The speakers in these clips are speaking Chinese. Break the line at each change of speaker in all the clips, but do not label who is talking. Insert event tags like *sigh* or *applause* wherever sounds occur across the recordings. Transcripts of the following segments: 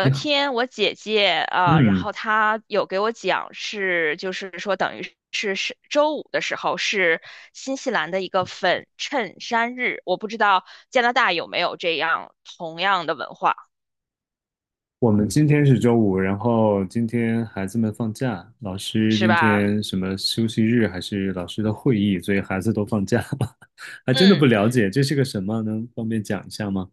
你好。
天我姐姐啊，呃然
嗯。
后她有给我讲就是说等于是周五的时候是新西兰的一个粉衬衫日，我不知道加拿大有没有这样同样的文化，
我们今天是周五，然后今天孩子们放假，老师
是
今
吧？
天什么休息日还是老师的会议，所以孩子都放假了，*laughs* 还真的
嗯，
不了解这是个什么，能方便讲一下吗？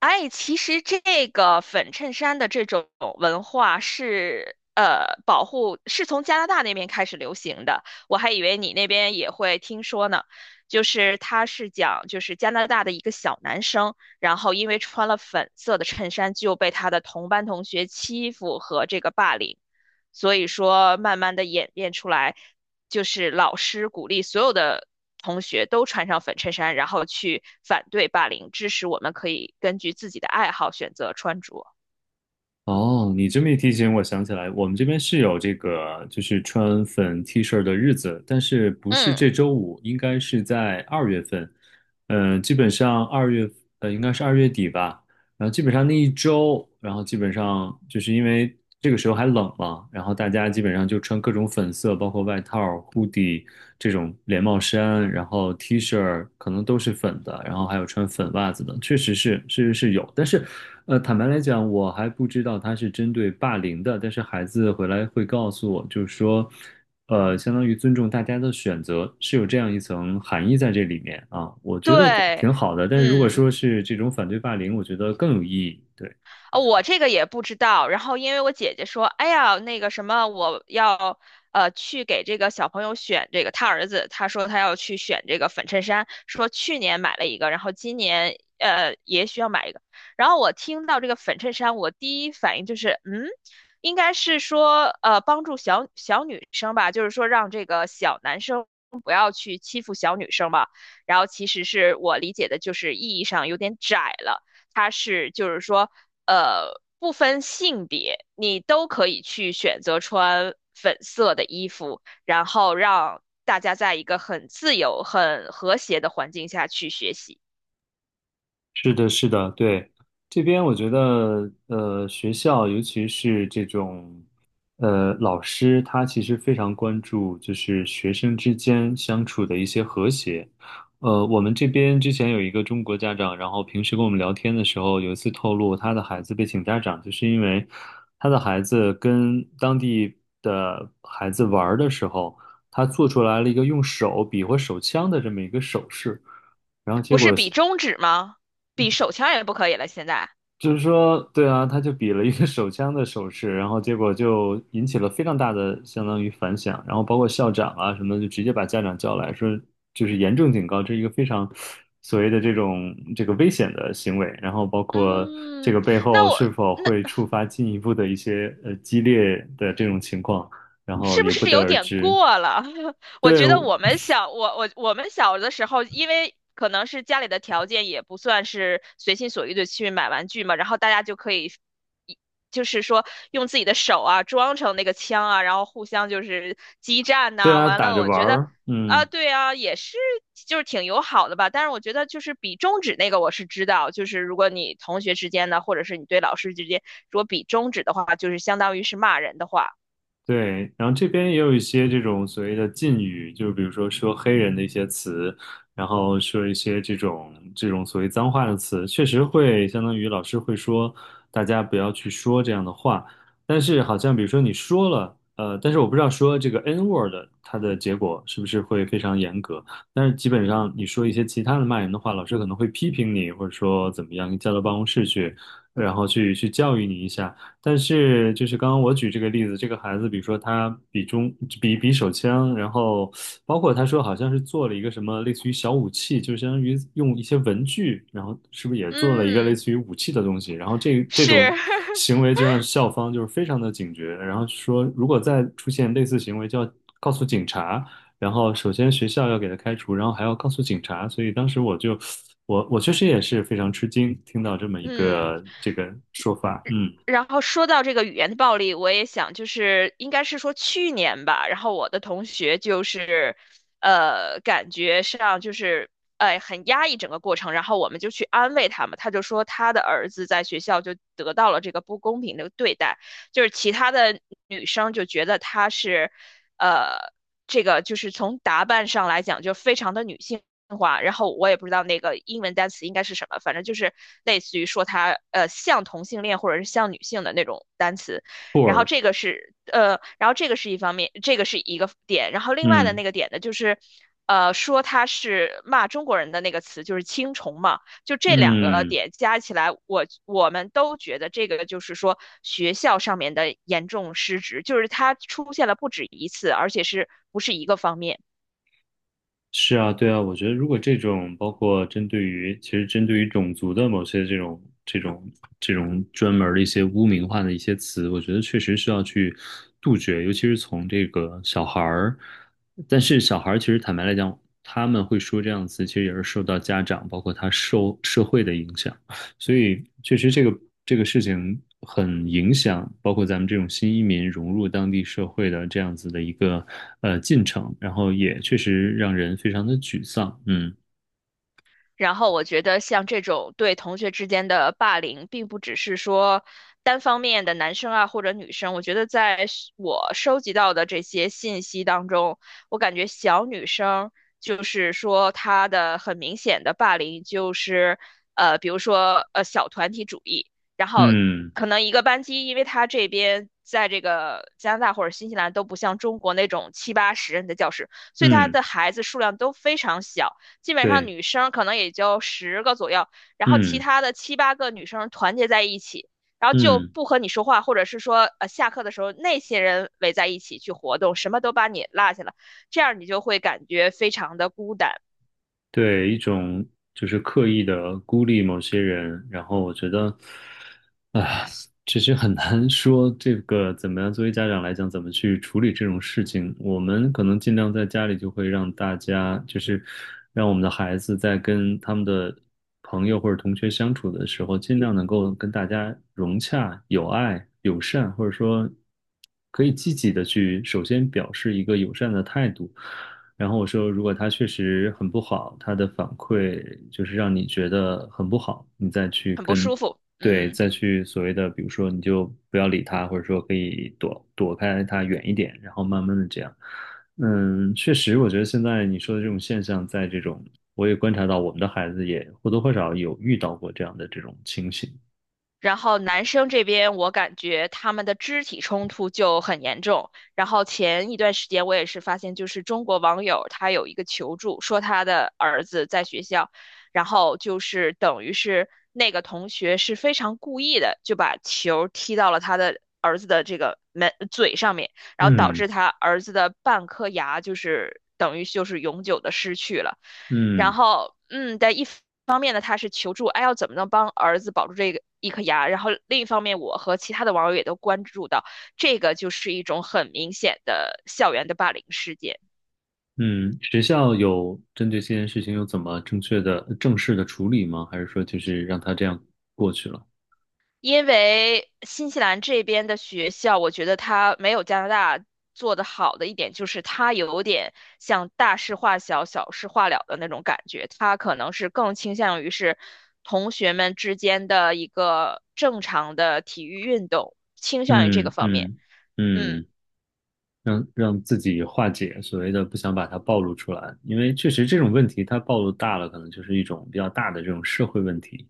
哎，其实这个粉衬衫的这种文化是保护，是从加拿大那边开始流行的。我还以为你那边也会听说呢，就是他是讲就是加拿大的一个小男生，然后因为穿了粉色的衬衫就被他的同班同学欺负和这个霸凌，所以说慢慢的演变出来。就是老师鼓励所有的同学都穿上粉衬衫，然后去反对霸凌，支持我们可以根据自己的爱好选择穿着。
哦，你这么一提醒，我想起来，我们这边是有这个，就是穿粉 T 恤的日子，但是不是
嗯，
这周五，应该是在二月份，嗯、基本上二月，应该是二月底吧。然后基本上那一周，然后基本上就是因为这个时候还冷嘛，然后大家基本上就穿各种粉色，包括外套、hoodie 这种连帽衫，然后 T 恤可能都是粉的，然后还有穿粉袜子的，确实是，确实是有。但是，坦白来讲，我还不知道他是针对霸凌的，但是孩子回来会告诉我，就是说。相当于尊重大家的选择，是有这样一层含义在这里面啊，我觉得
对，
挺好的。但是如果
嗯。
说是这种反对霸凌，我觉得更有意义。对。
我这个也不知道。然后因为我姐姐说，哎呀，那个什么，我要去给这个小朋友选这个，他儿子他说他要去选这个粉衬衫，说去年买了一个，然后今年也需要买一个。然后我听到这个粉衬衫，我第一反应就是，嗯，应该是说帮助小小女生吧，就是说让这个小男生。不要去欺负小女生吧，然后其实是我理解的，就是意义上有点窄了。它是就是说，呃，不分性别，你都可以去选择穿粉色的衣服，然后让大家在一个很自由、很和谐的环境下去学习。
是的，是的，对，这边我觉得，学校尤其是这种，老师他其实非常关注就是学生之间相处的一些和谐。我们这边之前有一个中国家长，然后平时跟我们聊天的时候，有一次透露他的孩子被请家长，就是因为他的孩子跟当地的孩子玩儿的时候，他做出来了一个用手比划手枪的这么一个手势。然后结
不是
果
比中指吗？比手枪也不可以了，现在。
就是说，对啊，他就比了一个手枪的手势，然后结果就引起了非常大的相当于反响，然后包括校长啊什么的，就直接把家长叫来说，就是严重警告，这是一个非常所谓的这种这个危险的行为，然后包括这
嗯，
个背后
那我
是否
那
会触发进一步的一些激烈的这种情况，然后
是不
也不
是
得
有
而
点
知。
过了？*laughs* 我
对，
觉得我们小的时候，因为可能是家里的条件也不算是随心所欲的去买玩具嘛，然后大家就可以一，就是说用自己的手啊装成那个枪啊，然后互相就是激战
对
呐、
啊，
完
打
了，
着
我
玩
觉得
儿，
啊，
嗯。
对啊，也是就是挺友好的吧。但是我觉得就是比中指那个我是知道，就是如果你同学之间呢，或者是你对老师之间，如果比中指的话，就是相当于是骂人的话，
对，然后这边也有一些这种所谓的禁语，就比如说说黑人的一些词，然后说一些这种这种所谓脏话的词，确实会相当于老师会说大家不要去说这样的话，但是好像比如说你说了，但是我不知道说这个 N word 它的结果是不是会非常严格，但是基本上你说一些其他的骂人的话，老师可能会批评你，或者说怎么样，你叫到办公室去，然后去教育你一下。但是就是刚刚我举这个例子，这个孩子，比如说他比中比比手枪，然后包括他说好像是做了一个什么类似于小武器，就相当于用一些文具，然后是不是也做了一个类
嗯。
似于武器的东西？然后这这
是，
种
*laughs*
行为就让校方就是非常的警觉，然后说如果再出现类似行为，就要告诉警察。然后首先学校要给他开除，然后还要告诉警察，所以当时我就我确实也是非常吃惊，听到这么一
嗯，
个这个说法，嗯。
然后说到这个语言的暴力，我也想，就是应该是说去年吧，然后我的同学就是，感觉上就是，哎，很压抑整个过程，然后我们就去安慰他嘛，他就说他的儿子在学校就得到了这个不公平的对待，就是其他的女生就觉得他是，呃，这个就是从打扮上来讲就非常的女性话，然后我也不知道那个英文单词应该是什么，反正就是类似于说它像同性恋或者是像女性的那种单词。然后
poor，
这个是一方面，这个是一个点。然后另外的
嗯
那个点呢，就是说他是骂中国人的那个词就是青虫嘛，就这两个
嗯，
点加起来，我们都觉得这个就是说学校上面的严重失职，就是它出现了不止一次，而且是不是一个方面。
是啊，对啊，我觉得如果这种包括针对于其实针对于种族的某些这种专门儿的一些污名化的一些词，我觉得确实需要去杜绝，尤其是从这个小孩儿，但是小孩儿其实坦白来讲，他们会说这样的词，其实也是受到家长包括他受社会的影响。所以确实这个事情很影响，包括咱们这种新移民融入当地社会的这样子的一个进程，然后也确实让人非常的沮丧。嗯
然后我觉得像这种对同学之间的霸凌，并不只是说单方面的男生啊或者女生。我觉得在是我收集到的这些信息当中，我感觉小女生就是说她的很明显的霸凌就是比如说小团体主义，然后
嗯
可能一个班级，因为她这边。在这个加拿大或者新西兰都不像中国那种七八十人的教室，所以他
嗯，
的孩子数量都非常小。基本上
对，
女生可能也就十个左右，然后其
嗯
他的七八个女生团结在一起，然后就
嗯。
不和你说话，或者是说下课的时候那些人围在一起去活动，什么都把你落下了，这样你就会感觉非常的孤单，
对，一种就是刻意的孤立某些人，然后我觉得，啊，其实很难说这个怎么样，作为家长来讲，怎么去处理这种事情。我们可能尽量在家里就会让大家，就是让我们的孩子在跟他们的朋友或者同学相处的时候，尽量能够跟大家融洽、友爱、友善，或者说可以积极的去首先表示一个友善的态度。然后我说，如果他确实很不好，他的反馈就是让你觉得很不好，你再去
很不
跟，
舒服。
对，
嗯。
再去所谓的，比如说你就不要理他，或者说可以躲开他远一点，然后慢慢的这样。嗯，确实，我觉得现在你说的这种现象，在这种我也观察到，我们的孩子也或多或少有遇到过这样的这种情形。
然后男生这边，我感觉他们的肢体冲突就很严重。然后前一段时间，我也是发现，就是中国网友他有一个求助，说他的儿子在学校，然后就是等于是那个同学是非常故意的，就把球踢到了他的儿子的这个门嘴上面。然后导
嗯
致他儿子的半颗牙就是等于就是永久的失去了。然
嗯。
后，嗯，但一方面呢，他是求助，哎，要怎么能帮儿子保住这个一颗牙？然后另一方面，我和其他的网友也都关注到，这个就是一种很明显的校园的霸凌事件。
嗯，学校有针对这件事情有怎么正确的、正式的处理吗？还是说就是让他这样过去了？
因为新西兰这边的学校，我觉得它没有加拿大做得好的一点，就是它有点像大事化小、小事化了的那种感觉。它可能是更倾向于是同学们之间的一个正常的体育运动，倾向于这个
嗯
方面。
嗯
嗯，
嗯。让让自己化解所谓的不想把它暴露出来，因为确实这种问题它暴露大了，可能就是一种比较大的这种社会问题。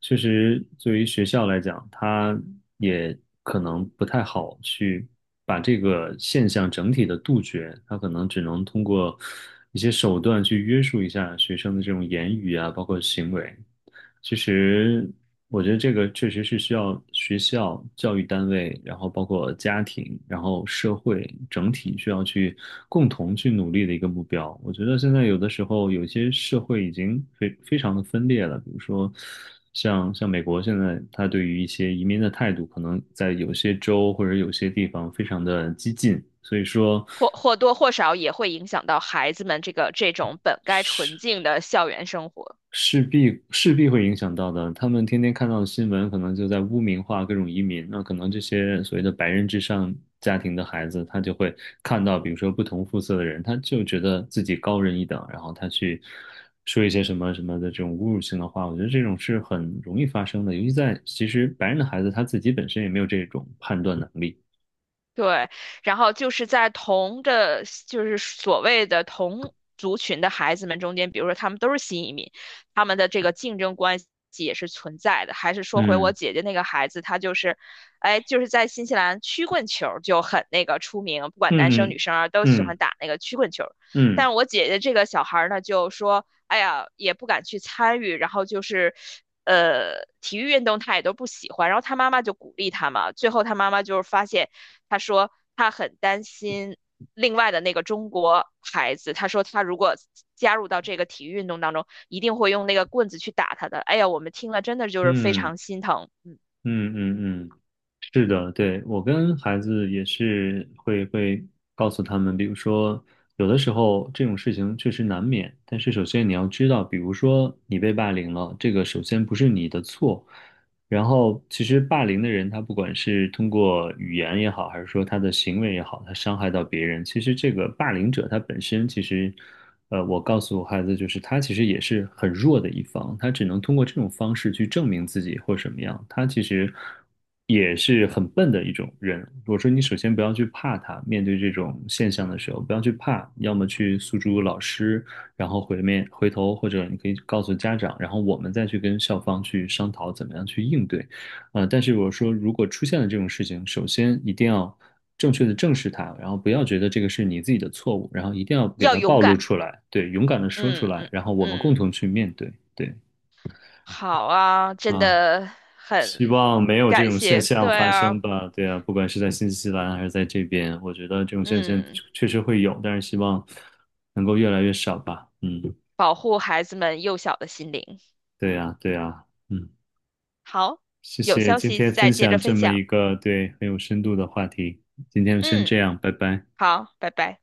确实，对于学校来讲，它也可能不太好去把这个现象整体的杜绝，它可能只能通过一些手段去约束一下学生的这种言语啊，包括行为。其实，我觉得这个确实是需要学校、教育单位，然后包括家庭，然后社会整体需要去共同去努力的一个目标。我觉得现在有的时候，有些社会已经非常的分裂了，比如说像美国现在，它对于一些移民的态度，可能在有些州或者有些地方非常的激进，所以说。
或或多或少也会影响到孩子们这个这种本该纯净的校园生活。
势必会影响到的。他们天天看到的新闻，可能就在污名化各种移民。那可能这些所谓的白人至上家庭的孩子，他就会看到，比如说不同肤色的人，他就觉得自己高人一等，然后他去说一些什么什么的这种侮辱性的话。我觉得这种是很容易发生的，尤其在其实白人的孩子他自己本身也没有这种判断能力。
对，然后就是在同的，就是所谓的同族群的孩子们中间，比如说他们都是新移民，他们的这个竞争关系也是存在的。还是说回我
嗯
姐姐那个孩子，他就是，哎，就是在新西兰曲棍球儿就很那个出名，不管男生
嗯
女生啊都喜欢
嗯
打那个曲棍球儿。
嗯
但我姐姐这个小孩儿呢，就说，哎呀，也不敢去参与，然后就是。体育运动他也都不喜欢，然后他妈妈就鼓励他嘛。最后他妈妈就是发现，他说他很担心另外的那个中国孩子，他说他如果加入到这个体育运动当中，一定会用那个棍子去打他的。哎呀，我们听了真的就是非
嗯嗯
常心疼，嗯，
嗯嗯嗯嗯。嗯嗯嗯是的，对，我跟孩子也是会告诉他们，比如说有的时候这种事情确实难免，但是首先你要知道，比如说你被霸凌了，这个首先不是你的错，然后，其实霸凌的人，他不管是通过语言也好，还是说他的行为也好，他伤害到别人，其实这个霸凌者他本身，其实，我告诉我孩子，就是他其实也是很弱的一方，他只能通过这种方式去证明自己或什么样，他其实也是很笨的一种人。我说，你首先不要去怕他，面对这种现象的时候，不要去怕，要么去诉诸老师。然后回头或者你可以告诉家长，然后我们再去跟校方去商讨怎么样去应对。但是我说，如果出现了这种事情，首先一定要正确的正视它，然后不要觉得这个是你自己的错误，然后一定要给
要
它
勇
暴露
敢，
出来，对，勇敢的说出
嗯
来，
嗯
然后我们共
嗯，
同去面对，对
好啊，真
啊。
的
希
很
望没有这
感
种现
谢，
象
对
发生
啊，
吧。对啊，不管是在新西兰还是在这边，我觉得这种现象
嗯，
确实会有，但是希望能够越来越少吧。嗯，
保护孩子们幼小的心灵。
对呀，对呀，嗯。
好，
谢
有
谢
消
今
息
天
再
分
接
享
着
这
分
么
享。
一个对很有深度的话题，今天就先这
嗯，
样，拜拜。
好，拜拜。